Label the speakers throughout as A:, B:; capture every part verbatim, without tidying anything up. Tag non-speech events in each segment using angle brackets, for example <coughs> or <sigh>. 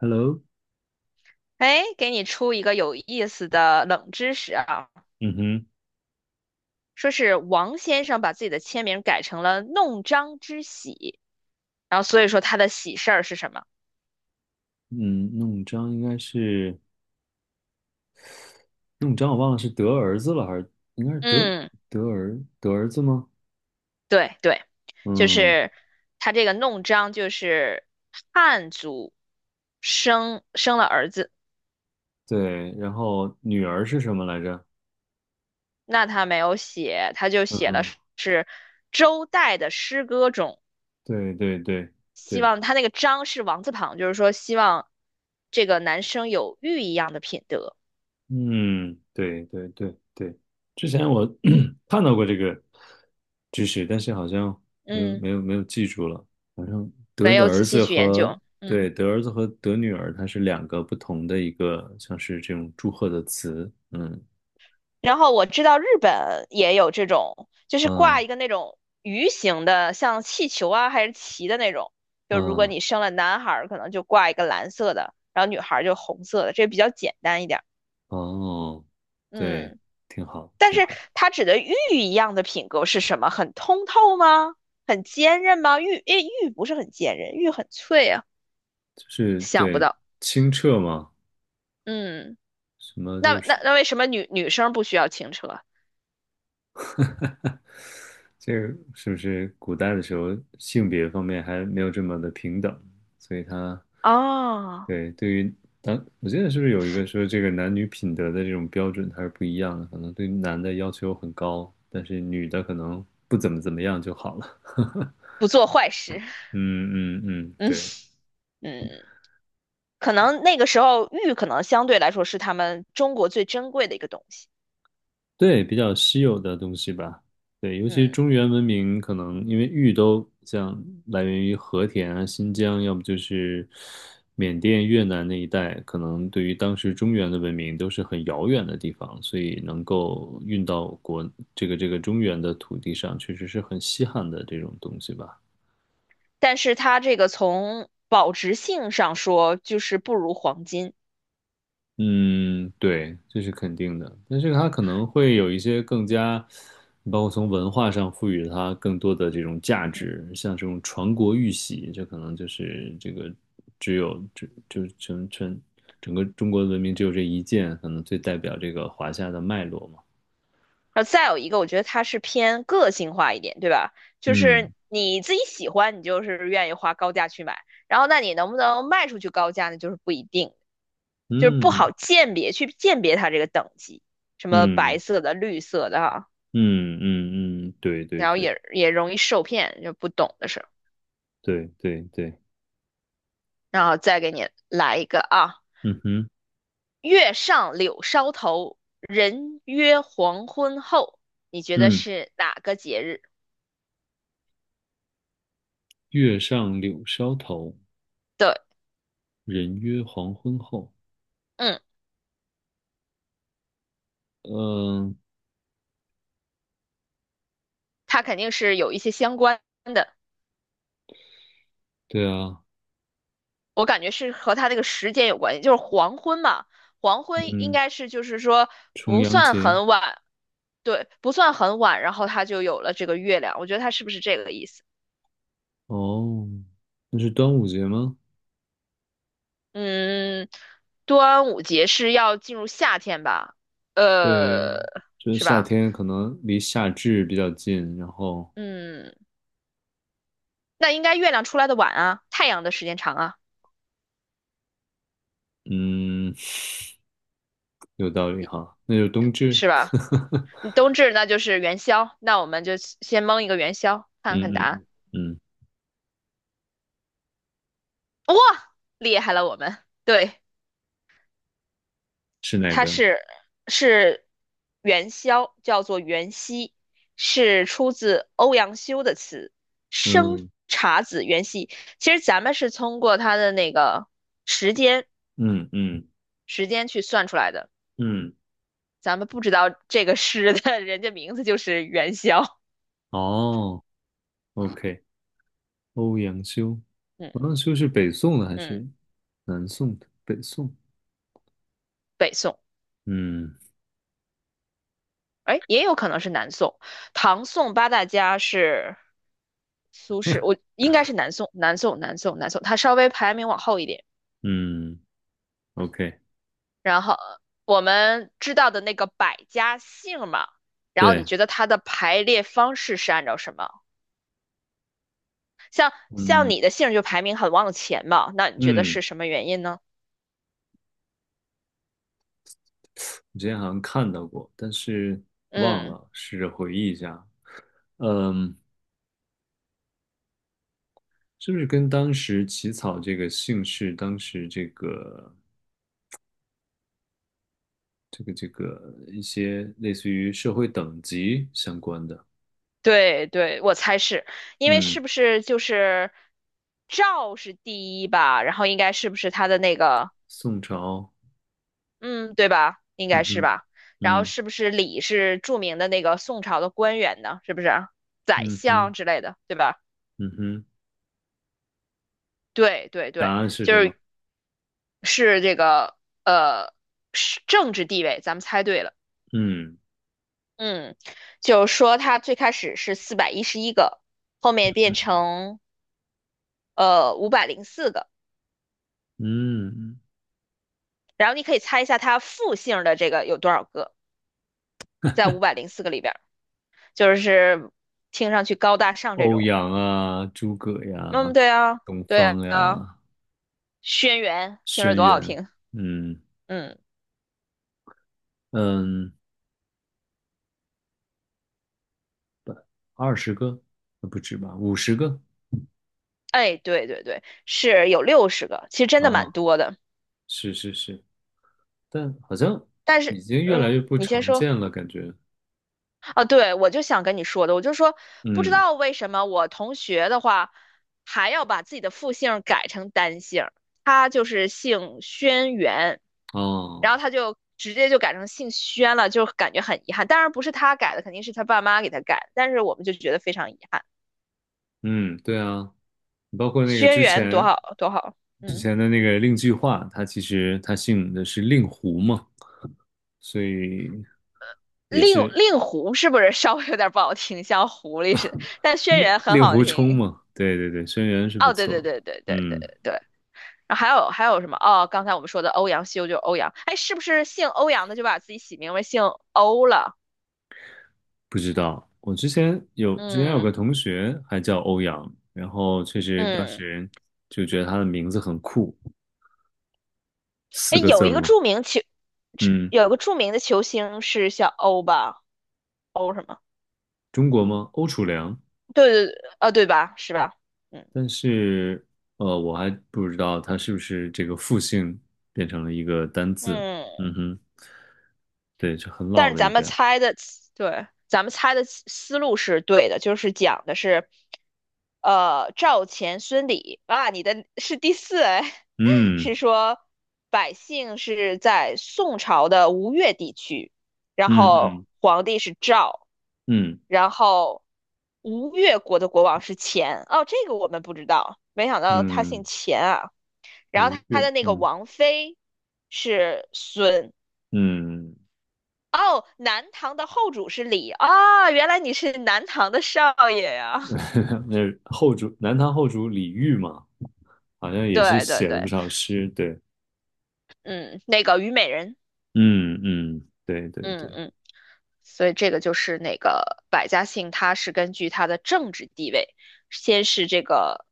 A: Hello，
B: 哎，给你出一个有意思的冷知识啊，
A: 嗯哼，
B: 说是王先生把自己的签名改成了"弄璋之喜"，然后所以说他的喜事儿是什么？
A: 嗯，弄璋应该是弄璋，我忘了是得儿子了还是应该是得
B: 嗯，
A: 得儿得儿子吗？
B: 对对，就
A: 嗯，
B: 是他这个弄璋就是汉族生生了儿子，
A: 对，然后女儿是什么来着？
B: 那他没有写，他就写了
A: 嗯，
B: 是周代的诗歌中，
A: 对对对
B: 希
A: 对，
B: 望他那个璋是王字旁，就是说希望这个男生有玉一样的品德。
A: 嗯，对对对对，之前我 <coughs> <clears throat> 看到过这个知识，但是好像没有
B: 嗯，
A: 没有没有记住了。好像得
B: 没
A: 的
B: 有
A: 儿
B: 仔细
A: 子
B: 去研
A: 和
B: 究，
A: 对
B: 嗯
A: 得儿子和得女儿，它是两个不同的一个，像是这种祝贺的词。嗯
B: 然后我知道日本也有这种，就是挂
A: 嗯
B: 一个那种鱼形的，像气球啊还是旗的那种。就如果
A: 嗯
B: 你生了男孩儿，可能就挂一个蓝色的，然后女孩儿就红色的，这比较简单一点儿。
A: 哦，对，
B: 嗯，
A: 挺好，
B: 但
A: 挺
B: 是
A: 好，
B: 它指的玉一样的品格是什么？很通透吗？很坚韧吗？玉，诶，玉不是很坚韧，玉很脆啊。
A: 就是
B: 想不
A: 对
B: 到，
A: 清澈嘛，
B: 嗯，
A: 什么
B: 那
A: 就
B: 那
A: 是
B: 那为什么女女生不需要轻车？
A: 这个是不是古代的时候性别方面还没有这么的平等，所以他
B: 哦。
A: 对对于当我记得是不是有一个说这个男女品德的这种标准它是不一样的，可能对男的要求很高，但是女的可能不怎么怎么样就好了。<laughs>
B: 不做坏事。
A: 嗯嗯嗯，
B: <laughs> 嗯
A: 对，
B: 嗯，可能那个时候玉可能相对来说是他们中国最珍贵的一个东西。
A: 对，比较稀有的东西吧。对，尤其
B: 嗯，
A: 中原文明，可能因为玉都像来源于和田啊、新疆，要么就是缅甸、越南那一带，可能对于当时中原的文明都是很遥远的地方，所以能够运到国这个这个中原的土地上，确实是很稀罕的这种东西吧。
B: 但是它这个从保值性上说，就是不如黄金。
A: 嗯，对，这是肯定的，但是它可能会有一些更加，包括从文化上赋予它更多的这种价
B: 嗯，
A: 值，像这种传国玉玺，这可能就是这个只有这就是全全整个中国文明只有这一件，可能最代表这个华夏的脉络嘛。
B: 后再有一个，我觉得它是偏个性化一点，对吧？就是
A: 嗯
B: 你自己喜欢，你就是愿意花高价去买，然后那你能不能卖出去高价呢？就是不一定，就是不
A: 嗯
B: 好鉴别，去鉴别它这个等级，什么白
A: 嗯
B: 色的、绿色的啊，
A: 嗯嗯嗯，对对
B: 然后
A: 对
B: 也也容易受骗，就不懂的事。候，
A: 对对对，
B: 然后再给你来一个啊，
A: 嗯哼
B: 月上柳梢头，人约黄昏后，你觉得
A: 嗯，
B: 是哪个节日？
A: 月上柳梢头，
B: 对，
A: 人约黄昏后。
B: 嗯，
A: 嗯、
B: 它肯定是有一些相关的，
A: 对啊，
B: 我感觉是和它那个时间有关系，就是黄昏嘛，黄昏应
A: 嗯，
B: 该是就是说
A: 重
B: 不
A: 阳
B: 算
A: 节，
B: 很晚，对，不算很晚，然后它就有了这个月亮，我觉得它是不是这个意思？
A: 哦，那是端午节吗？
B: 嗯，端午节是要进入夏天吧？
A: 对，
B: 呃，
A: 就是
B: 是
A: 夏
B: 吧？
A: 天可能离夏至比较近，然后，
B: 嗯，那应该月亮出来的晚啊，太阳的时间长啊，
A: 嗯，<laughs> 有道理哈，那就冬至，
B: 是吧？
A: <laughs>
B: 你冬至那就是元宵，那我们就先蒙一个元宵，看
A: 嗯
B: 看答案。
A: 嗯嗯，嗯
B: 哇，厉害了我们！对，
A: 是哪
B: 它
A: 个？
B: 是是元宵，叫做元夕，是出自欧阳修的词"生
A: 嗯
B: 查子元夕"。其实咱们是通过它的那个时间。
A: 嗯嗯
B: 时间去算出来的。
A: 嗯，
B: 咱们不知道这个诗的 <laughs> 人家名字就是元宵，
A: 哦，OK，欧阳修，
B: 嗯
A: 欧阳修是北宋的还
B: 嗯，
A: 是南宋的？北宋，
B: 北宋，
A: 嗯
B: 哎，也有可能是南宋，唐宋八大家是苏轼，我应该是南宋，南宋，南宋，南宋，它稍微排名往后一点。
A: 嗯，OK，
B: 然后我们知道的那个百家姓嘛，然后你
A: 对，
B: 觉得它的排列方式是按照什么？像
A: 嗯
B: 你的姓就排名很往前嘛，那你觉得
A: 嗯。
B: 是什么原因呢？
A: 我之前好像看到过，但是忘
B: 嗯。
A: 了，试着回忆一下。嗯，是不是跟当时起草这个姓氏，当时这个这个这个一些类似于社会等级相关的？
B: 对对，我猜是因为
A: 嗯，
B: 是不是就是赵是第一吧，然后应该是不是他的那个，
A: 宋朝，
B: 嗯，对吧？应
A: 嗯
B: 该是
A: 哼，
B: 吧。然后
A: 嗯
B: 是不是李是著名的那个宋朝的官员呢？是不是宰
A: 嗯
B: 相
A: 哼，
B: 之类的，对吧？
A: 嗯哼，
B: 对对
A: 答
B: 对，
A: 案是
B: 就
A: 什么？
B: 是是这个呃是政治地位，咱们猜对了。
A: 嗯
B: 嗯，就是说他最开始是四百一十一个，后面变成呃五百零四个。
A: 嗯，
B: 然后你可以猜一下它复姓的这个有多少个，在五百零四个里边儿，就是听上去高大上这
A: 欧
B: 种。
A: 阳啊，诸葛
B: 嗯，
A: 呀，
B: 对啊，
A: 东
B: 对
A: 方
B: 啊，
A: 呀，
B: 轩辕听
A: 轩
B: 着多好
A: 辕，
B: 听。
A: 嗯
B: 嗯，
A: 嗯。二十个，呃不止吧，五十个
B: 哎，对对对，是有六十个，其实真的
A: 啊，
B: 蛮多的。
A: 是是是，但好像
B: 但是，
A: 已经越来越
B: 嗯，
A: 不
B: 你先
A: 常
B: 说
A: 见了，感觉，
B: 啊，对，我就想跟你说的，我就说不知
A: 嗯，
B: 道为什么我同学的话还要把自己的复姓改成单姓他就是姓轩辕。然
A: 哦，
B: 后他就直接就改成姓轩了，就感觉很遗憾。当然不是他改的，肯定是他爸妈给他改的但是我们就觉得非常遗憾。
A: 嗯，对啊，包括那个
B: 轩
A: 之
B: 辕多
A: 前
B: 好多好，
A: 之
B: 嗯，
A: 前的那个令计划，他其实他姓的是令狐嘛，所以也
B: 令
A: 是
B: 令狐是不是稍微有点不好听，像狐狸似的？但轩
A: 令
B: 辕很
A: 令
B: 好
A: 狐冲
B: 听。
A: 嘛，对对对，轩辕是不
B: 哦，对对
A: 错，
B: 对对对对
A: 嗯。
B: 对。然后还有还有什么？哦，刚才我们说的欧阳修就是欧阳，哎，是不是姓欧阳的就把自己起名为姓欧了？
A: 不知道，我之前有之前有个
B: 嗯
A: 同学还叫欧阳，然后确实当
B: 嗯，
A: 时就觉得他的名字很酷，四
B: 哎，
A: 个字
B: 有一
A: 儿
B: 个
A: 嘛，
B: 著名球，
A: 嗯，
B: 有一个著名的球星是叫欧吧？O 什么？
A: 中国吗？欧楚良，
B: 对对对，啊，对吧？是吧？嗯
A: 但是呃，我还不知道他是不是这个复姓变成了一个单字，
B: 嗯，
A: 嗯哼，对，就很
B: 但
A: 老
B: 是
A: 的一
B: 咱们
A: 个，
B: 猜的，对，咱们猜的思思路是对的，就是讲的是，呃，赵钱孙李啊，你的是第四哎，<laughs>
A: 嗯
B: 是说百姓是在宋朝的吴越地区，然
A: 嗯
B: 后
A: 嗯
B: 皇帝是赵，
A: 嗯
B: 然后吴越国的国王是钱，哦，这个我们不知道，没想到他姓
A: 嗯，
B: 钱啊。然后
A: 吴
B: 他
A: 越，
B: 的那个
A: 嗯
B: 王妃是孙。
A: 嗯，
B: 哦，南唐的后主是李啊、原来你是南唐的少爷呀！<laughs>
A: <laughs> 那后主南唐后主李煜嘛，好像也是
B: 对对
A: 写了不
B: 对，
A: 少诗，对，
B: 嗯，那个虞美人，
A: 嗯嗯，对对
B: 嗯
A: 对
B: 嗯，所以这个就是那个百家姓，它是根据它的政治地位，先是这个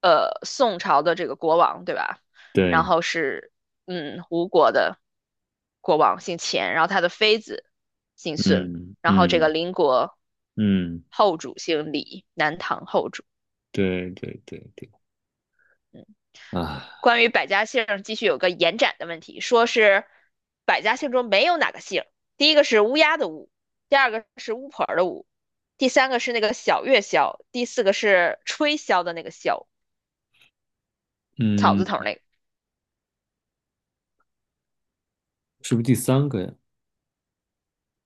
B: 呃宋朝的这个国王，对吧？然
A: 对，
B: 后是嗯吴国的国王姓钱，然后他的妃子姓孙，
A: 嗯
B: 然后这个
A: 嗯
B: 邻国
A: 嗯，
B: 后主姓李，南唐后主。
A: 对对对对，啊，
B: 关于百家姓儿继续有个延展的问题，说是百家姓中没有哪个姓儿第一个是乌鸦的乌，第二个是巫婆儿的巫，第三个是那个小月箫，第四个是吹箫的那个箫，草字头儿
A: 嗯，
B: 那个。
A: 是不是第三个呀？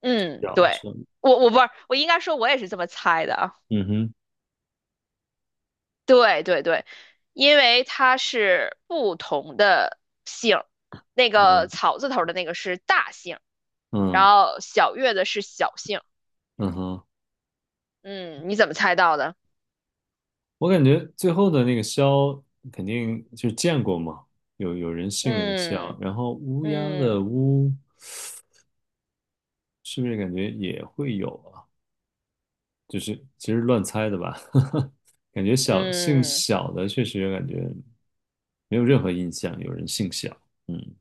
B: 嗯，
A: 叫
B: 对，
A: 什么
B: 我我不是，我应该说我也是这么猜的啊。
A: 嗯哼，
B: 对对对，因为它是不同的姓儿，那个
A: 嗯
B: 草字头儿的那个是大姓，然
A: 嗯
B: 后小月的是小姓。
A: 嗯哼，
B: 嗯，你怎么猜到的？
A: 我感觉最后的那个枭肯定就是见过嘛，有有人姓那个枭，
B: 嗯
A: 然后乌鸦的
B: 嗯
A: 乌是不是感觉也会有啊？就是其实乱猜的吧，<laughs> 感觉小姓
B: 嗯，
A: 小的确实感觉没有任何印象，有人姓小。嗯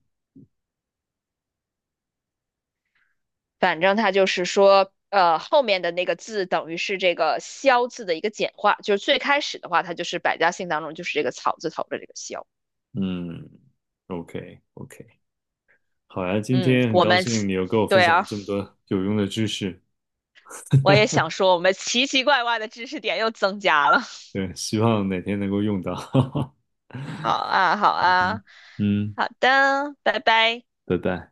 B: 反正它就是说，呃，后面的那个字等于是这个萧字的一个简化，就是最开始的话，它就是百家姓当中就是这个草字头的这个萧。
A: 嗯，OK OK，好呀，今
B: 嗯，
A: 天很
B: 我
A: 高
B: 们
A: 兴你又跟我分
B: 对
A: 享了
B: 啊。
A: 这么多有用的知识，
B: 我也想说，我们奇奇怪怪的知识点又增加了。<laughs>
A: 对，希望哪天能够用到。<laughs>
B: 好啊，好
A: 嗯
B: 啊，
A: 哼，嗯，
B: 好的，拜拜。
A: 拜拜。